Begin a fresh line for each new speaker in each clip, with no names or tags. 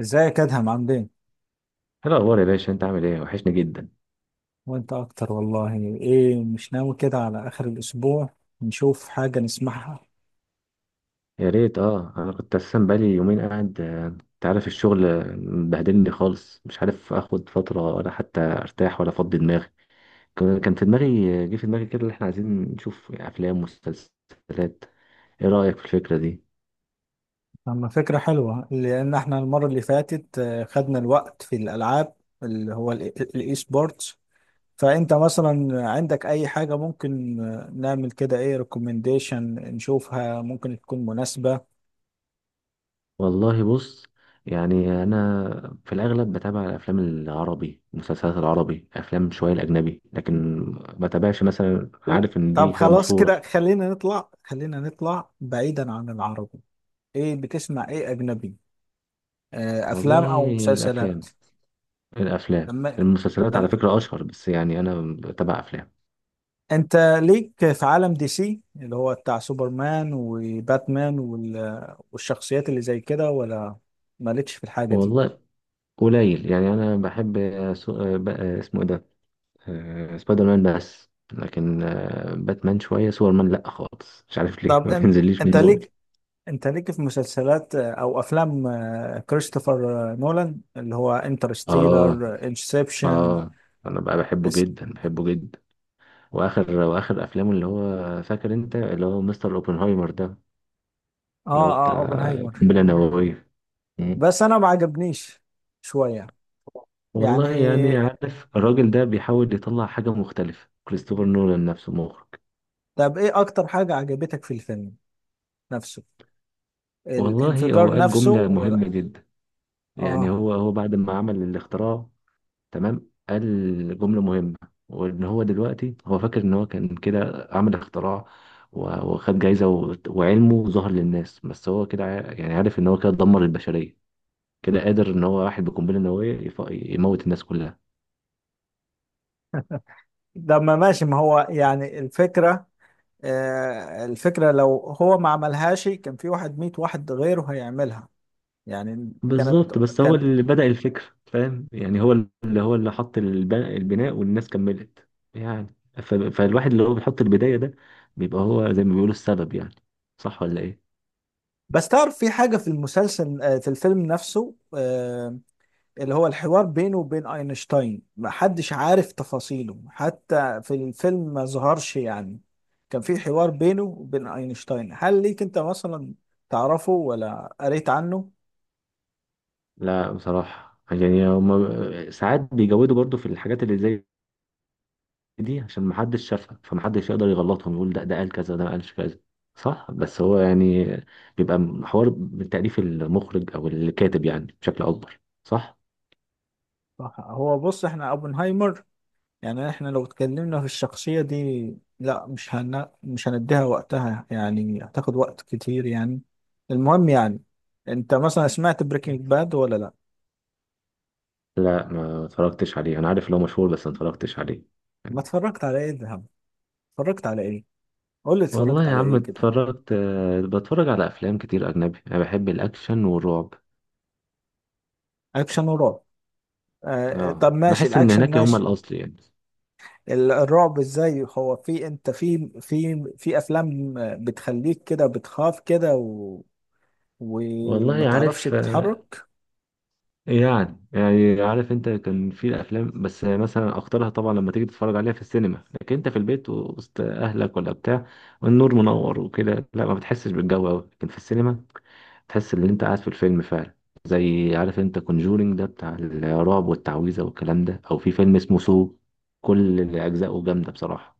ازيك ادهم؟ عامل ايه؟
ايه الاخبار يا باشا؟ انت عامل ايه؟ وحشني جدا.
وانت اكتر والله. ايه مش ناوي كده على اخر الاسبوع نشوف حاجه نسمعها؟
يا ريت، اه، انا كنت اساسا بقالي يومين قاعد. انت عارف الشغل، مبهدلني خالص، مش عارف اخد فتره ولا حتى ارتاح ولا افضي دماغي. كان في دماغي، جه في دماغي كده اللي احنا عايزين نشوف افلام ومسلسلات. ايه رايك في الفكره دي؟
اما فكره حلوه، لان احنا المره اللي فاتت خدنا الوقت في الالعاب اللي هو الاي سبورتس. فانت مثلا عندك اي حاجه ممكن نعمل كده ايه ريكومنديشن نشوفها ممكن تكون مناسبه؟
والله بص، يعني انا في الاغلب بتابع الافلام العربي، المسلسلات العربي، افلام شويه الاجنبي، لكن ما بتابعش مثلا.
لا
عارف ان
طب
دي حاجه
خلاص
مشهوره.
كده، خلينا نطلع بعيدا عن العربي. ايه بتسمع ايه اجنبي؟ افلام
والله
او مسلسلات؟
الافلام، الافلام
لما
المسلسلات على
لما
فكره اشهر، بس يعني انا بتابع افلام.
انت ليك في عالم دي سي اللي هو بتاع سوبرمان وباتمان والشخصيات اللي زي كده ولا مالكش في الحاجة دي؟
والله قليل، يعني انا بحب سو... آه، ب- آه، اسمه ايه ده، سبايدر مان بس، لكن باتمان شويه. سوبر مان لا خالص، مش عارف ليه
طب
ما بينزليش
انت
من زوري.
ليك انت ليك في مسلسلات او افلام كريستوفر نولان، اللي هو
اه.
انترستيلر، انسبشن؟
اه، انا بقى بحبه
اس...
جدا بحبه جدا. واخر افلامه اللي هو فاكر انت اللي هو مستر اوبنهايمر ده،
اه،
اللي هو
اه،
بتاع
اوبنهايمر.
القنبله النوويه.
بس انا ما عجبنيش شوية يعني.
والله يعني عارف الراجل ده بيحاول يطلع حاجة مختلفة، كريستوفر نولان نفسه مخرج.
طب ايه اكتر حاجة عجبتك في الفيلم نفسه؟
والله هو
الانفجار
قال
نفسه
جملة
ولا؟
مهمة جدا. يعني
اه،
هو بعد ما عمل الاختراع، تمام، قال جملة مهمة، وإن هو دلوقتي هو فاكر إن هو كان كده عمل اختراع وخد جايزة وعلمه ظهر للناس، بس هو كده يعني عارف إن هو كده دمر البشرية، كده قادر إن هو واحد بقنبلة نووية يموت الناس كلها.
ده ما ماشي، ما هو يعني الفكرة، الفكرة، لو هو ما عملهاش كان في واحد، ميت واحد غيره هيعملها، يعني كانت،
بالظبط، بس هو
كان.
اللي بدأ الفكرة، فاهم؟ يعني هو اللي حط البناء والناس كملت. يعني فالواحد اللي هو بيحط البداية ده، بيبقى هو زي ما بيقولوا السبب يعني. صح ولا ايه؟
بس تعرف في حاجة في المسلسل، في الفيلم نفسه، اللي هو الحوار بينه وبين أينشتاين، ما حدش عارف تفاصيله حتى في الفيلم ما ظهرش يعني. كان في حوار بينه وبين أينشتاين، هل ليك أنت مثلا تعرفه ولا قريت عنه؟
لا بصراحة يعني هما ساعات بيجودوا برضو في الحاجات اللي زي دي، عشان محدش شافها فمحدش يقدر يغلطهم، يقول ده قال كذا، ده ما قالش كذا. صح بس هو يعني بيبقى حوار من تأليف المخرج او الكاتب يعني بشكل اكبر، صح؟
هو بص، احنا اوبنهايمر، يعني احنا لو اتكلمنا في الشخصية دي لا، مش هنديها وقتها يعني، هتاخد وقت كتير يعني. المهم يعني، انت مثلا سمعت بريكنج باد ولا لا؟
لا ما اتفرجتش عليه، انا عارف ان هو مشهور بس ما اتفرجتش عليه.
ما اتفرجت على ايه؟ ذهب؟ اتفرجت على ايه؟ قول لي
والله
اتفرجت
يا
على
عم
ايه كده.
اتفرجت، بتفرج على افلام كتير اجنبي، انا بحب الاكشن والرعب.
اكشن ورعب؟ آه طب
اه
ماشي،
بحس ان
الاكشن
هناك هما
ماشي،
الاصل يعني.
الرعب ازاي؟ هو في انت في افلام بتخليك كده بتخاف كده وما
والله
تعرفش
عارف،
تتحرك؟
يعني يعني عارف انت كان في الافلام، بس مثلا اختارها طبعا لما تيجي تتفرج عليها في السينما، لكن انت في البيت وسط اهلك ولا بتاع، والنور منور وكده، لا ما بتحسش بالجو قوي، لكن في السينما تحس ان انت قاعد في الفيلم فعلا. زي عارف انت كونجورينج ده بتاع الرعب والتعويذه والكلام ده، او في فيلم اسمه سو، كل اجزائه جامده بصراحه.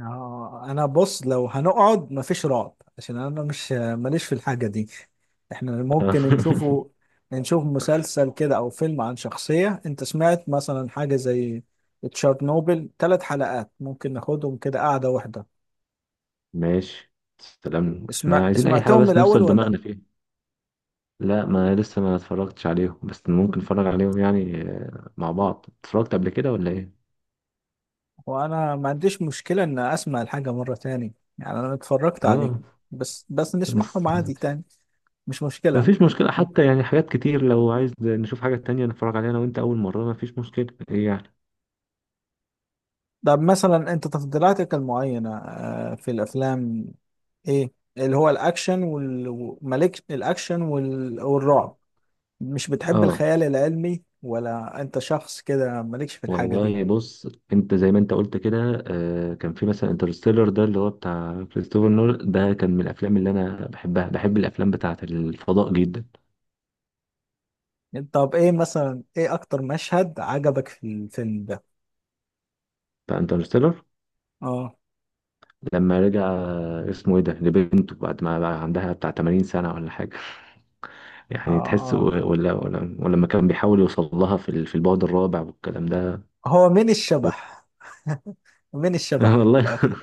اه، انا بص، لو هنقعد مفيش رعب، عشان انا مش ماليش في الحاجه دي. احنا ممكن نشوفه، نشوف مسلسل كده او فيلم عن شخصيه. انت سمعت مثلا حاجه زي تشارنوبل؟ 3 حلقات ممكن ناخدهم كده قاعده واحده.
ماشي، سلام احنا
اسمع،
عايزين اي حاجه
سمعتهم من
بس
الاول
نوصل
ولا لأ؟
دماغنا فيها. لا ما لسه ما اتفرجتش عليهم، بس ممكن نتفرج عليهم يعني، مع بعض اتفرجت قبل كده ولا ايه؟
وانا ما عنديش مشكله ان اسمع الحاجه مره تاني، يعني انا اتفرجت عليه
اه،
بس
بس
نسمعهم عادي تاني، مش
ما
مشكله.
فيش مشكله حتى يعني، حاجات كتير لو عايز نشوف حاجه تانية نتفرج عليها انا وانت اول مره ما فيش مشكله ايه يعني.
طب مثلا انت تفضيلاتك المعينه في الافلام، ايه اللي هو الاكشن مالك الاكشن والرعب؟ مش بتحب
اه،
الخيال العلمي ولا انت شخص كده مالكش في الحاجة دي؟
والله بص، انت زي ما انت قلت كده، كان في مثلا انترستيلر ده اللي هو بتاع كريستوفر نول ده، كان من الافلام اللي انا بحبها. بحب الافلام بتاعه الفضاء جدا.
طب ايه مثلا، ايه اكتر مشهد عجبك في الفيلم ده؟
فانترستيلر
اه،
لما رجع، اسمه ايه ده، لبنته بعد ما بقى عندها بتاع 80 سنه ولا حاجه.
اه،
يعني تحس، و-
اه،
ولا ولا ولما كان بيحاول يوصل لها في في البعد الرابع والكلام ده.
هو مين الشبح؟ مين الشبح في
والله.
الاخر؟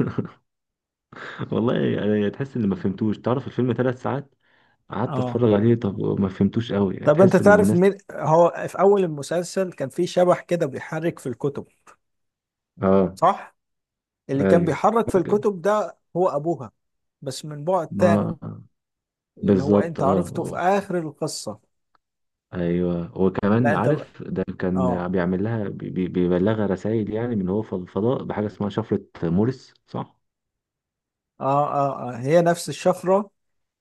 والله يعني تحس ان ما فهمتوش، تعرف الفيلم 3 ساعات قعدت
اه،
اتفرج عليه، طب ما فهمتوش قوي
طب انت
تحس ان
تعرف
الناس.
مين هو؟ في اول المسلسل كان في شبح كده بيحرك في الكتب،
اه،
صح؟ اللي كان
ايوه
بيحرك في
ممكن.
الكتب ده هو ابوها، بس من بعد تاني
ما
اللي هو
بالظبط.
انت عرفته في
اه،
اخر القصة.
ايوه وكمان
لا انت
عارف ده كان
اه،
بيعمل لها بيبلغها رسائل، يعني من هو في الفضاء بحاجه اسمها شفره مورس، صح؟
اه، اه، اه، هي نفس الشفرة،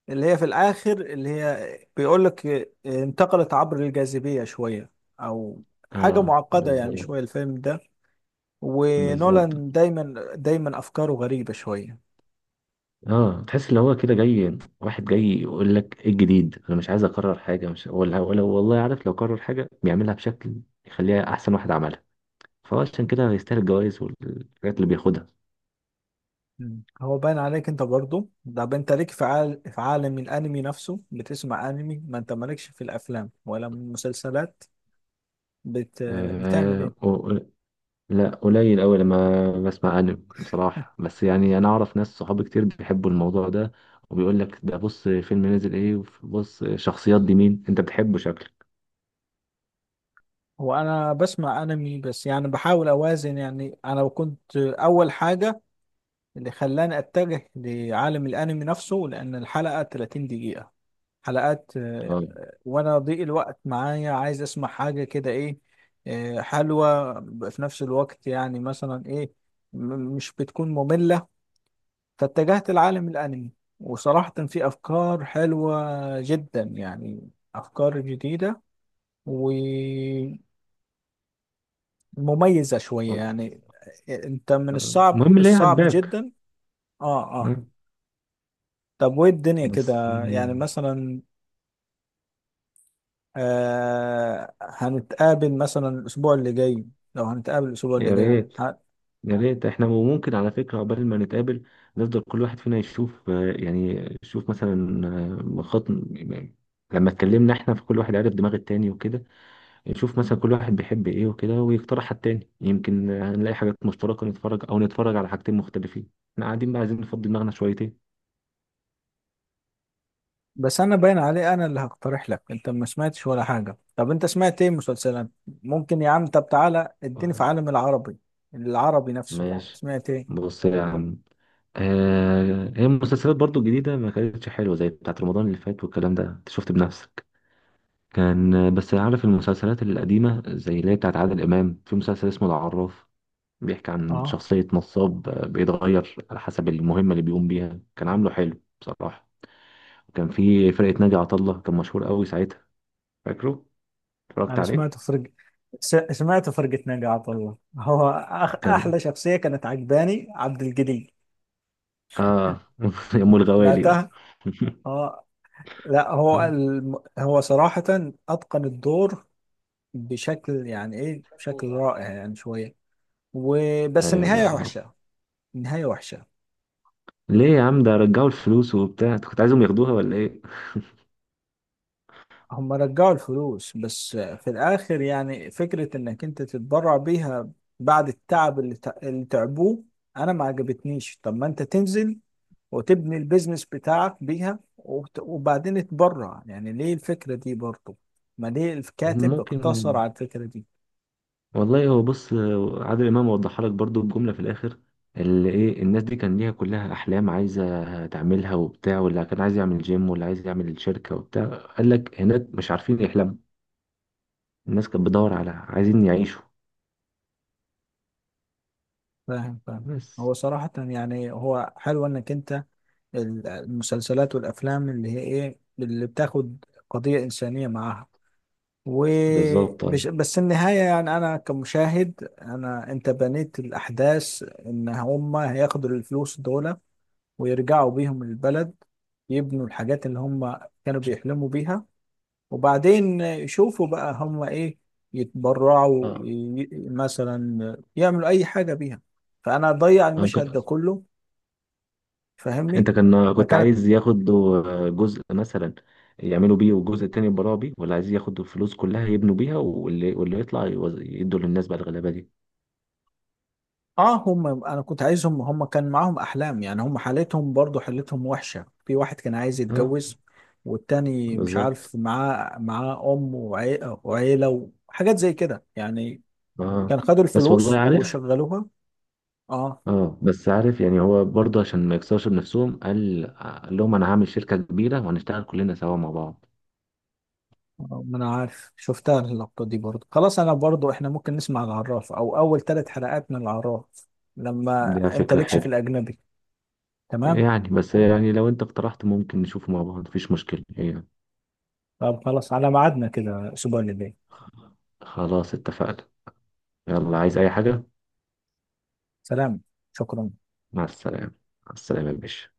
اللي هي في الاخر اللي هي بيقول لك انتقلت عبر الجاذبية شوية، او حاجة
اه،
معقدة يعني
بالظبط.
شوية الفيلم ده.
بالظبط،
ونولان دايما دايما افكاره غريبة شوية.
اه، تحس اللي هو كده جاي، واحد جاي يقول لك ايه الجديد، انا مش عايز اكرر حاجه، مش ولا ولا والله عارف لو كرر حاجه بيعملها بشكل يخليها احسن واحد عملها. فهو عشان كده هيستاهل الجوائز والحاجات اللي بياخدها.
مم. هو باين عليك انت برضو ده، انت ليك في عالم الانمي نفسه، بتسمع انمي؟ ما انت مالكش في الافلام ولا المسلسلات؟ بت... بتعمل
آه.
ايه؟
لا قليل أوي لما بسمع أنمي بصراحة، بس يعني أنا أعرف ناس صحابي كتير بيحبوا الموضوع ده، وبيقول لك ده بص فيلم نزل إيه، وبص شخصيات دي مين أنت بتحبه شكلك.
هو انا بسمع انمي بس، يعني بحاول اوازن. يعني انا كنت اول حاجه اللي خلاني اتجه لعالم الانمي نفسه لان الحلقه 30 دقيقه، حلقات
آه.
وانا ضيق الوقت معايا، عايز اسمع حاجه كده ايه، حلوه، في نفس الوقت يعني مثلا ايه، مش بتكون ممله. فاتجهت لعالم الانمي، وصراحه في افكار حلوه جدا يعني، افكار جديده و مميزة شوية
آه.
يعني. انت من الصعب
المهم اللي هي
الصعب
عجباك.
جدا. اه، اه.
آه.
طب وايه الدنيا
بس
كده يعني مثلا؟ هنتقابل مثلا الاسبوع اللي جاي؟ لو هنتقابل الاسبوع اللي
يا
جاي
ريت يا ريت احنا، وممكن على فكرة عقبال ما نتقابل نفضل كل واحد فينا يشوف، يعني يشوف مثلا، خط لما اتكلمنا احنا، في كل واحد عارف دماغ التاني وكده، يشوف مثلا كل واحد بيحب ايه وكده ويقترح على التاني، يمكن نلاقي حاجات مشتركة نتفرج او نتفرج على حاجتين مختلفين. احنا قاعدين بقى عايزين نفضي دماغنا شويتين.
بس انا باين عليه انا اللي هقترح لك، انت ما سمعتش ولا حاجة. طب انت سمعت ايه مسلسلات ممكن يا عم؟ طب تعالى اديني في عالم العربي، العربي نفسه
ماشي،
سمعت ايه؟
بص يا عم، آه هي المسلسلات برضو الجديدة ما كانتش حلوة زي بتاعت رمضان اللي فات والكلام ده، انت شفت بنفسك. كان بس عارف المسلسلات القديمة زي اللي هي بتاعت عادل إمام، في مسلسل اسمه العراف، بيحكي عن
اه،
شخصية نصاب بيتغير على حسب المهمة اللي بيقوم بيها، كان عامله حلو بصراحة. كان في فرقة ناجي عطا الله، كان مشهور قوي ساعتها، فاكره، اتفرجت
انا
عليه.
سمعت فرقة نقعات. والله هو احلى
كان،
شخصية كانت عجباني عبد الجليل.
اه، ام الغوالي، اه.
سمعتها؟ اه. لا هو هو صراحة اتقن الدور بشكل يعني ايه، بشكل رائع يعني شوية. وبس
ايوه
النهاية
بالظبط.
وحشة، النهاية وحشة.
ليه يا عم، ده رجعوا الفلوس وبتاع، انت كنت عايزهم ياخدوها ولا ايه؟
هم رجعوا الفلوس بس في الاخر يعني فكرة انك انت تتبرع بيها بعد التعب اللي تعبوه، انا ما عجبتنيش. طب ما انت تنزل وتبني البيزنس بتاعك بيها، وبعدين تبرع. يعني ليه الفكرة دي برضه، ما ليه
هم
الكاتب
ممكن.
اقتصر على الفكرة دي؟
والله هو بص، عادل امام وضحها لك برضو بجملة في الاخر، اللي ايه الناس دي كان ليها كلها احلام عايزة تعملها وبتاع، واللي كان عايز يعمل جيم واللي عايز يعمل شركة وبتاع، قال لك هناك مش عارفين يحلموا، الناس كانت بتدور على عايزين يعيشوا
فاهم فاهم.
بس.
هو صراحة يعني هو حلو انك انت المسلسلات والافلام اللي هي ايه، اللي بتاخد قضية انسانية معاها.
بالظبط، أيوة.
وبش بس النهاية يعني، أنا كمشاهد، أنت بنيت الأحداث إن هما هياخدوا الفلوس دول ويرجعوا بيهم البلد، يبنوا الحاجات اللي هما كانوا بيحلموا بيها، وبعدين يشوفوا بقى هم ايه، يتبرعوا
اه،
ي- مثلا يعملوا اي حاجه بيها. فانا اضيع
أنا
المشهد
ك-
ده كله، فاهمني؟
انت كان كنت
فكانت.
عايز ياخدوا جزء مثلا يعملوا بيه، والجزء التاني يبراوا بيه، ولا عايز ياخدوا الفلوس كلها يبنوا بيها، واللي يطلع يدوا للناس بقى الغلابه دي.
اه، هم انا كنت عايزهم، هم كان معاهم احلام يعني، هم حالتهم برضو، حالتهم وحشه، في واحد كان عايز
اه،
يتجوز والتاني مش
بالظبط.
عارف، معاه ام وعيله وحاجات زي كده يعني.
اه،
كان خدوا
بس والله
الفلوس
عارف،
وشغلوها. اه.
اه بس عارف يعني هو برضه عشان ما يكسرش بنفسهم، قال لهم انا هعمل شركه كبيره وهنشتغل كلنا سوا مع بعض.
ما انا عارف، شفتها اللقطة دي برضو. خلاص انا برضو، احنا ممكن نسمع العراف، او اول 3 حلقات من العراف، لما
دي
انت
فكره
لكش في
حلوه
الاجنبي. تمام؟
يعني، بس يعني لو انت اقترحت ممكن نشوفه مع بعض مفيش مشكله يعني.
طب خلاص على ميعادنا كده الاسبوع اللي جاي.
خلاص اتفقنا. يلا، عايز أي حاجة؟
سلام، شكرا.
مع السلامة. مع السلامة يا باشا.